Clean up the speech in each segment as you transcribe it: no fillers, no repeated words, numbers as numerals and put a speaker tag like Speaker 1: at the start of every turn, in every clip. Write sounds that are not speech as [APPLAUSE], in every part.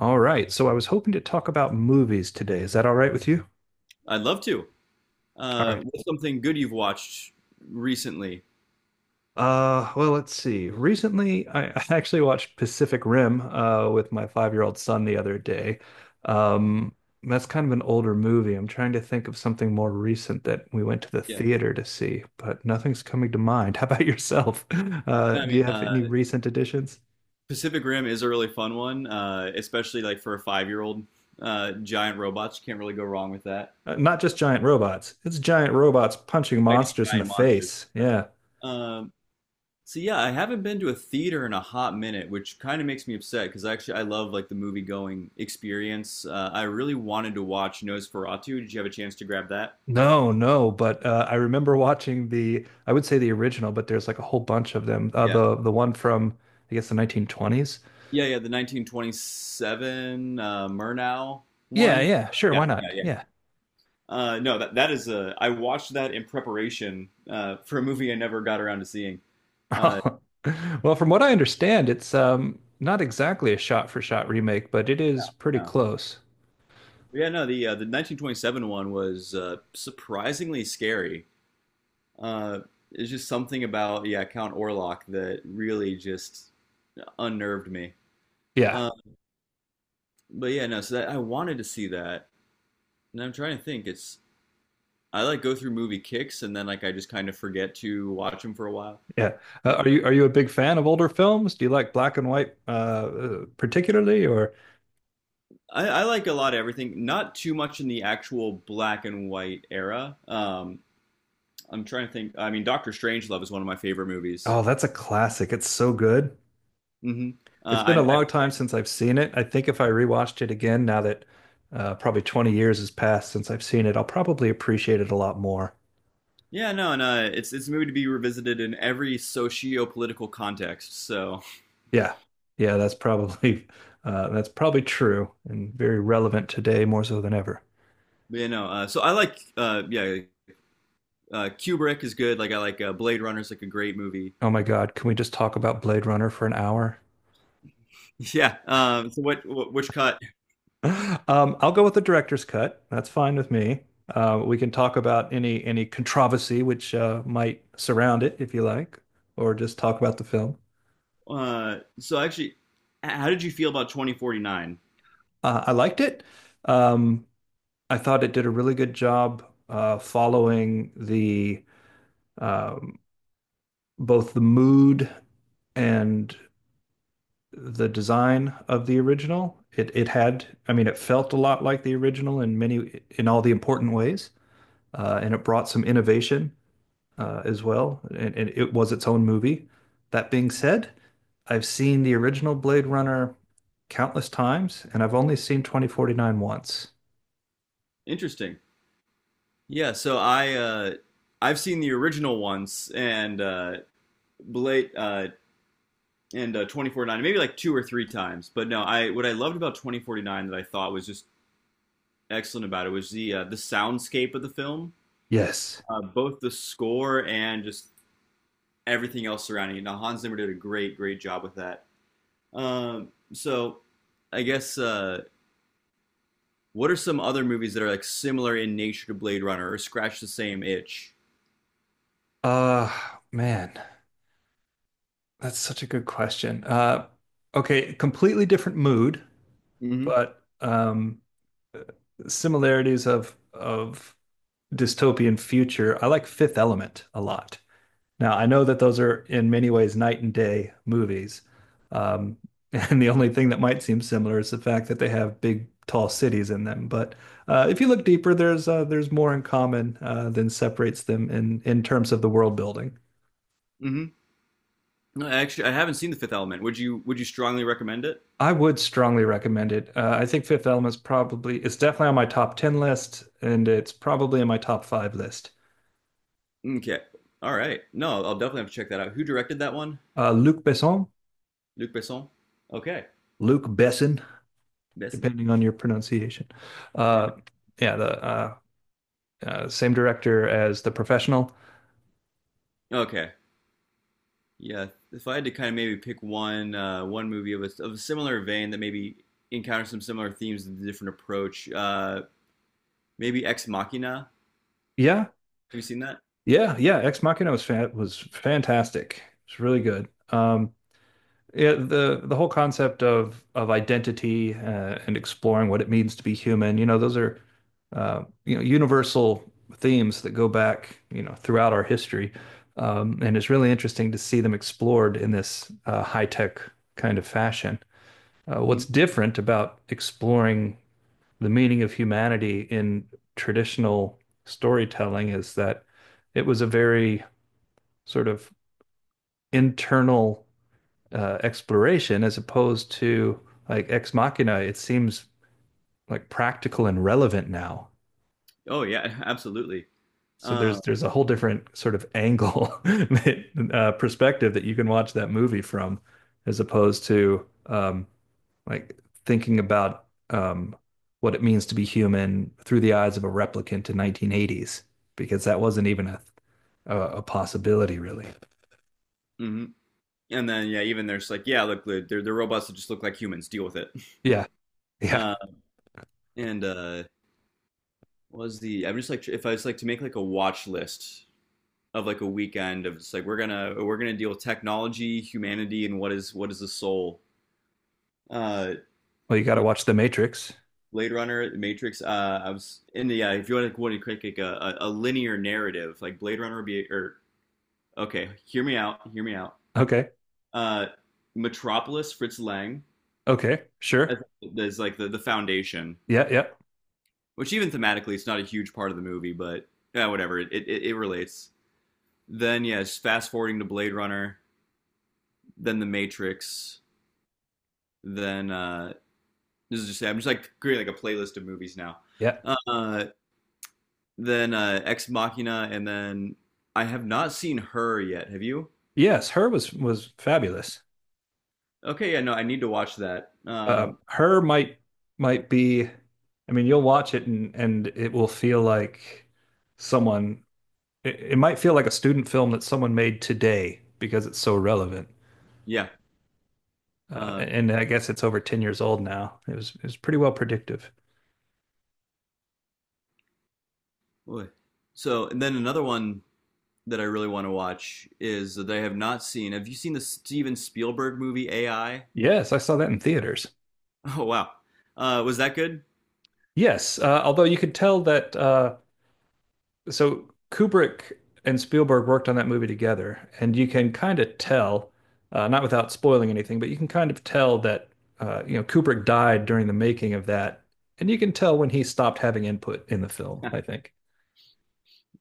Speaker 1: All right. So I was hoping to talk about movies today. Is that all right with you?
Speaker 2: I'd love to.
Speaker 1: All right.
Speaker 2: What's something good you've watched recently?
Speaker 1: Well, let's see. Recently, I [LAUGHS] I actually watched Pacific Rim with my five-year-old son the other day. Um, that's kind of an older movie. I'm trying to think of something more recent that we went to the
Speaker 2: Yeah,
Speaker 1: theater to see, but nothing's coming to mind. [LAUGHS] How about yourself? [LAUGHS]
Speaker 2: no, I
Speaker 1: Do
Speaker 2: mean,
Speaker 1: you have any recent additions?
Speaker 2: Pacific Rim is a really fun one, especially like for a 5-year-old. Giant robots, can't really go wrong with that.
Speaker 1: Not just giant robots. It's giant robots punching
Speaker 2: Fighting
Speaker 1: monsters in the
Speaker 2: giant monsters,
Speaker 1: face.
Speaker 2: that's
Speaker 1: Yeah.
Speaker 2: right? So yeah, I haven't been to a theater in a hot minute, which kind of makes me upset because actually I love like the movie-going experience. I really wanted to watch Nosferatu. Did you have a chance to grab that?
Speaker 1: No, no, but I remember watching the, I would say the original, but there's like a whole bunch of them. Uh,
Speaker 2: Yeah.
Speaker 1: the the one from, I guess, the 1920s.
Speaker 2: Yeah, yeah, the 1927 Murnau
Speaker 1: Yeah,
Speaker 2: one.
Speaker 1: yeah, sure,
Speaker 2: Yeah,
Speaker 1: why
Speaker 2: yeah,
Speaker 1: not? Yeah.
Speaker 2: yeah. No, that that is a. I watched that in preparation for a movie I never got around to seeing. Uh,
Speaker 1: [LAUGHS] Well, from what I understand, it's not exactly a shot for shot remake, but it is pretty
Speaker 2: yeah.
Speaker 1: close.
Speaker 2: But yeah, no, the 1927 one was surprisingly scary. Uh, it's just something about, yeah, Count Orlok that really just unnerved me.
Speaker 1: Yeah,
Speaker 2: Uh, but yeah, no, so that I wanted to see that, and I'm trying to think. It's I like go through movie kicks, and then like I just kind of forget to watch them for a while.
Speaker 1: yeah. Are you a big fan of older films? Do you like black and white, particularly, or
Speaker 2: I like a lot of everything. Not too much in the actual black and white era. I'm trying to think. I mean, Doctor Strangelove is one of my favorite movies.
Speaker 1: oh, that's a classic. It's so good.
Speaker 2: Hmm.
Speaker 1: It's
Speaker 2: Uh, I,
Speaker 1: been a
Speaker 2: I,
Speaker 1: long time since I've seen it. I think if I rewatched it again, now that probably 20 years has passed since I've seen it, I'll probably appreciate it a lot more.
Speaker 2: yeah, no, and it's a movie to be revisited in every socio-political context. So,
Speaker 1: Yeah. Yeah, that's probably [LAUGHS] that's probably true and very relevant today more so than ever.
Speaker 2: so I like, yeah, Kubrick is good. Like I like Blade Runner is like a great movie. [LAUGHS]
Speaker 1: Oh my God, can we just talk about Blade Runner for an hour?
Speaker 2: Yeah. So, what which cut?
Speaker 1: [LAUGHS] I'll go with the director's cut. That's fine with me. We can talk about any controversy which might surround it if you like, or just talk about the film.
Speaker 2: So actually, how did you feel about 2049?
Speaker 1: I liked it. Um, I thought it did a really good job following the um, both the mood and the design of the original. It had, I mean, it felt a lot like the original in many in all the important ways, and it brought some innovation as well, and it was its own movie. That being said, I've seen the original Blade Runner countless times, and I've only seen 2049 once.
Speaker 2: Interesting. Yeah, so I've seen the original once and Blade and 2049 maybe like two or three times. But no, I what I loved about 2049 that I thought was just excellent about it was the soundscape of the film,
Speaker 1: Yes.
Speaker 2: both the score and just everything else surrounding it. Now Hans Zimmer did a great, great job with that. So I guess what are some other movies that are like similar in nature to Blade Runner or scratch the same itch?
Speaker 1: Uh, Man. That's such a good question. Okay, completely different mood,
Speaker 2: Mhm.
Speaker 1: but similarities of dystopian future. I like Fifth Element a lot. Now, I know that those are in many ways night and day movies, um, [LAUGHS] and the only thing that might seem similar is the fact that they have big, tall cities in them. But if you look deeper, there's more in common than separates them in terms of the world building.
Speaker 2: Mhm. No, actually, I haven't seen The Fifth Element. Would you strongly recommend it?
Speaker 1: I would strongly recommend it. I think Fifth Element's probably it's definitely on my top ten list, and it's probably in my top five list.
Speaker 2: Okay. All right. No, I'll definitely have to check that out. Who directed that one?
Speaker 1: Luc Besson,
Speaker 2: Luc Besson. Okay.
Speaker 1: Luc Besson,
Speaker 2: Besson.
Speaker 1: depending on your pronunciation.
Speaker 2: Yeah, no-
Speaker 1: Uh, yeah, the same director as The Professional.
Speaker 2: Okay. Yeah. If I had to kind of maybe pick one movie of a similar vein that maybe encounters some similar themes and a different approach, maybe Ex Machina. Have
Speaker 1: Yeah,
Speaker 2: you seen that?
Speaker 1: yeah, yeah. Ex Machina was fantastic. It's really good. Yeah, the whole concept of identity, and exploring what it means to be human, you know, those are you know universal themes that go back, you know, throughout our history, and it's really interesting to see them explored in this high tech kind of fashion.
Speaker 2: Mm.
Speaker 1: What's different about exploring the meaning of humanity in traditional storytelling is that it was a very sort of internal exploration as opposed to like Ex Machina. It seems like practical and relevant now.
Speaker 2: Oh yeah, [LAUGHS] absolutely.
Speaker 1: So
Speaker 2: Uh,
Speaker 1: there's a whole different sort of angle [LAUGHS] perspective that you can watch that movie from, as opposed to like thinking about, um, what it means to be human through the eyes of a replicant in 1980s, because that wasn't even a possibility really.
Speaker 2: hmm And then, yeah, even there's like, yeah, look, they're robots that just look like humans. Deal with it. [LAUGHS]
Speaker 1: Yeah, yeah.
Speaker 2: Uh, and, what was the? I'm just like if I was like to make like a watch list of like a weekend of it's like we're gonna deal with technology, humanity, and what is the soul. Uh,
Speaker 1: Well, you got to
Speaker 2: yeah,
Speaker 1: watch The Matrix.
Speaker 2: Blade Runner, Matrix. I was in the yeah. If you want to create like a linear narrative, like Blade Runner would be or okay, hear me out, hear me out.
Speaker 1: Okay,
Speaker 2: Uh, Metropolis, Fritz Lang,
Speaker 1: okay, sure.
Speaker 2: as, like the foundation,
Speaker 1: Yeah, yeah,
Speaker 2: which even thematically it's not a huge part of the movie, but yeah, whatever. It relates. Then yes, fast forwarding to Blade Runner, then The Matrix, then this is just I'm just like creating like a playlist of movies now.
Speaker 1: yeah.
Speaker 2: Uh, then Ex Machina, and then I have not seen her yet. Have you?
Speaker 1: Yes, her was fabulous.
Speaker 2: Okay, yeah, no, I need to watch that.
Speaker 1: Uh, her might might be, I mean, you'll watch it and it will feel like someone. It might feel like a student film that someone made today because it's so relevant.
Speaker 2: Yeah. Uh,
Speaker 1: And I guess it's over 10 years old now. It was pretty well predictive.
Speaker 2: Boy. So and then another one that I really want to watch is that I have not seen. Have you seen the Steven Spielberg movie AI? [LAUGHS]
Speaker 1: Yes, I saw that in theaters.
Speaker 2: Oh wow, was that good?
Speaker 1: Yes, although you could tell that, so Kubrick and Spielberg worked on that movie together, and you can kind of tell, not without spoiling anything, but you can kind of tell that you know Kubrick died during the making of that, and you can tell when he stopped having input in the film, I
Speaker 2: [LAUGHS]
Speaker 1: think.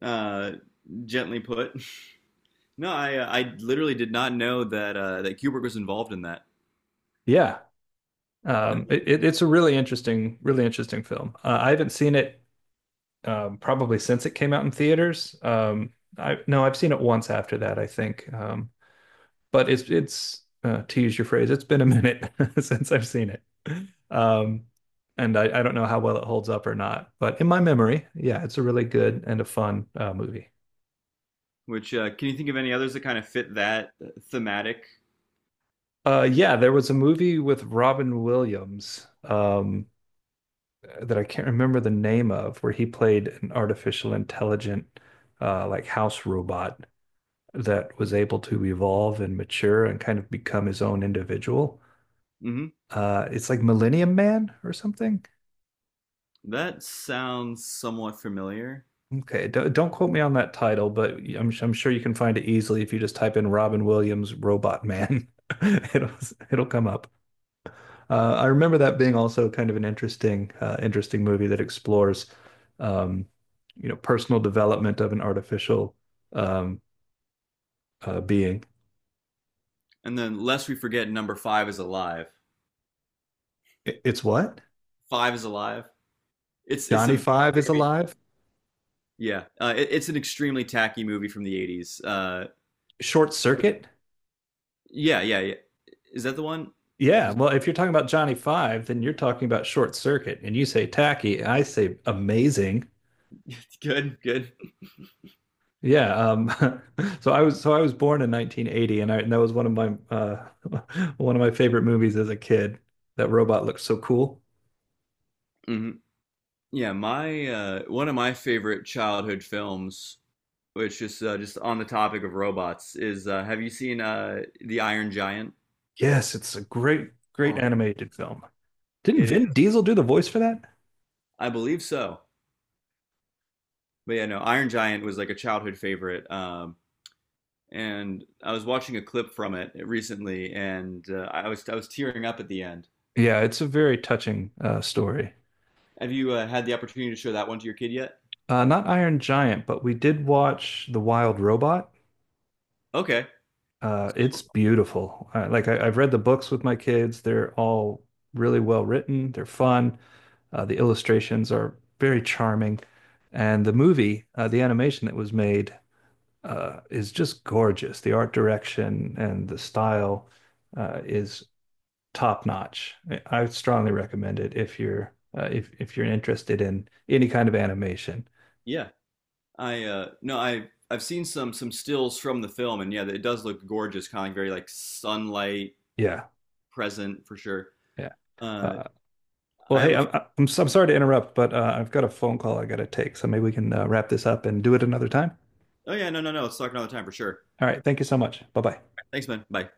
Speaker 2: Uh, Gently put. No, I literally did not know that that Kubrick was involved in that.
Speaker 1: Yeah, it's a really interesting film. I haven't seen it probably since it came out in theaters. I no, I've seen it once after that, I think. But it's to use your phrase, it's been a minute [LAUGHS] since I've seen it. Um, and I don't know how well it holds up or not, but in my memory, yeah, it's a really good and a fun movie.
Speaker 2: Which can you think of any others that kind of fit that thematic?
Speaker 1: Yeah, there was a movie with Robin Williams, that I can't remember the name of, where he played an artificial intelligent, like house robot that was able to evolve and mature and kind of become his own individual.
Speaker 2: Hmm.
Speaker 1: It's like Millennium Man or something.
Speaker 2: That sounds somewhat familiar.
Speaker 1: Okay, don't quote me on that title, but I'm sure you can find it easily if you just type in Robin Williams Robot Man. [LAUGHS] It'll it'll come up. I remember that being also kind of an interesting interesting movie that explores, um, you know, personal development of an artificial, um, being.
Speaker 2: And then, lest we forget, number five is alive.
Speaker 1: I- It's what?
Speaker 2: Five is alive. It's a
Speaker 1: Johnny Five is
Speaker 2: very,
Speaker 1: alive?
Speaker 2: yeah. It's an extremely tacky movie from the 80s.
Speaker 1: Short Circuit?
Speaker 2: Yeah, yeah, yeah. Is that the one?
Speaker 1: Yeah, well, if you're talking about Johnny Five, then you're talking about Short Circuit, and you say tacky, I say amazing.
Speaker 2: [LAUGHS] Good, good.
Speaker 1: Yeah, [LAUGHS] so I was born in 1980, and I and that was one of my, [LAUGHS] one of my favorite movies as a kid. That robot looked so cool.
Speaker 2: Hmm. Yeah, my one of my favorite childhood films which just on the topic of robots is have you seen the Iron Giant?
Speaker 1: Yes, it's a great great
Speaker 2: Oh.
Speaker 1: animated film. Didn't
Speaker 2: It
Speaker 1: Vin
Speaker 2: is,
Speaker 1: Diesel do the voice for that?
Speaker 2: I believe so. But yeah, no, Iron Giant was like a childhood favorite. And I was watching a clip from it recently, and I was tearing up at the end.
Speaker 1: Yeah, it's a very touching story.
Speaker 2: Have you had the opportunity to show that one to your kid yet?
Speaker 1: Not Iron Giant, but we did watch The Wild Robot.
Speaker 2: Okay.
Speaker 1: It's beautiful. Like I've read the books with my kids. They're all really well written. They're fun. The illustrations are very charming, and the movie, the animation that was made, is just gorgeous. The art direction and the style, is top notch. I would strongly recommend it if you're interested in any kind of animation.
Speaker 2: Yeah, I no, I've seen some stills from the film, and yeah, it does look gorgeous, kind of very like sunlight
Speaker 1: Yeah,
Speaker 2: present for sure.
Speaker 1: yeah.
Speaker 2: Uh,
Speaker 1: Uh, Well,
Speaker 2: I have
Speaker 1: hey,
Speaker 2: a
Speaker 1: I'm sorry to interrupt, but I've got a phone call I got to take, so maybe we can wrap this up and do it another time.
Speaker 2: Oh yeah, no, no, no. Let's talk another time for sure.
Speaker 1: All right, thank you so much. Bye bye.
Speaker 2: Thanks, man. Bye.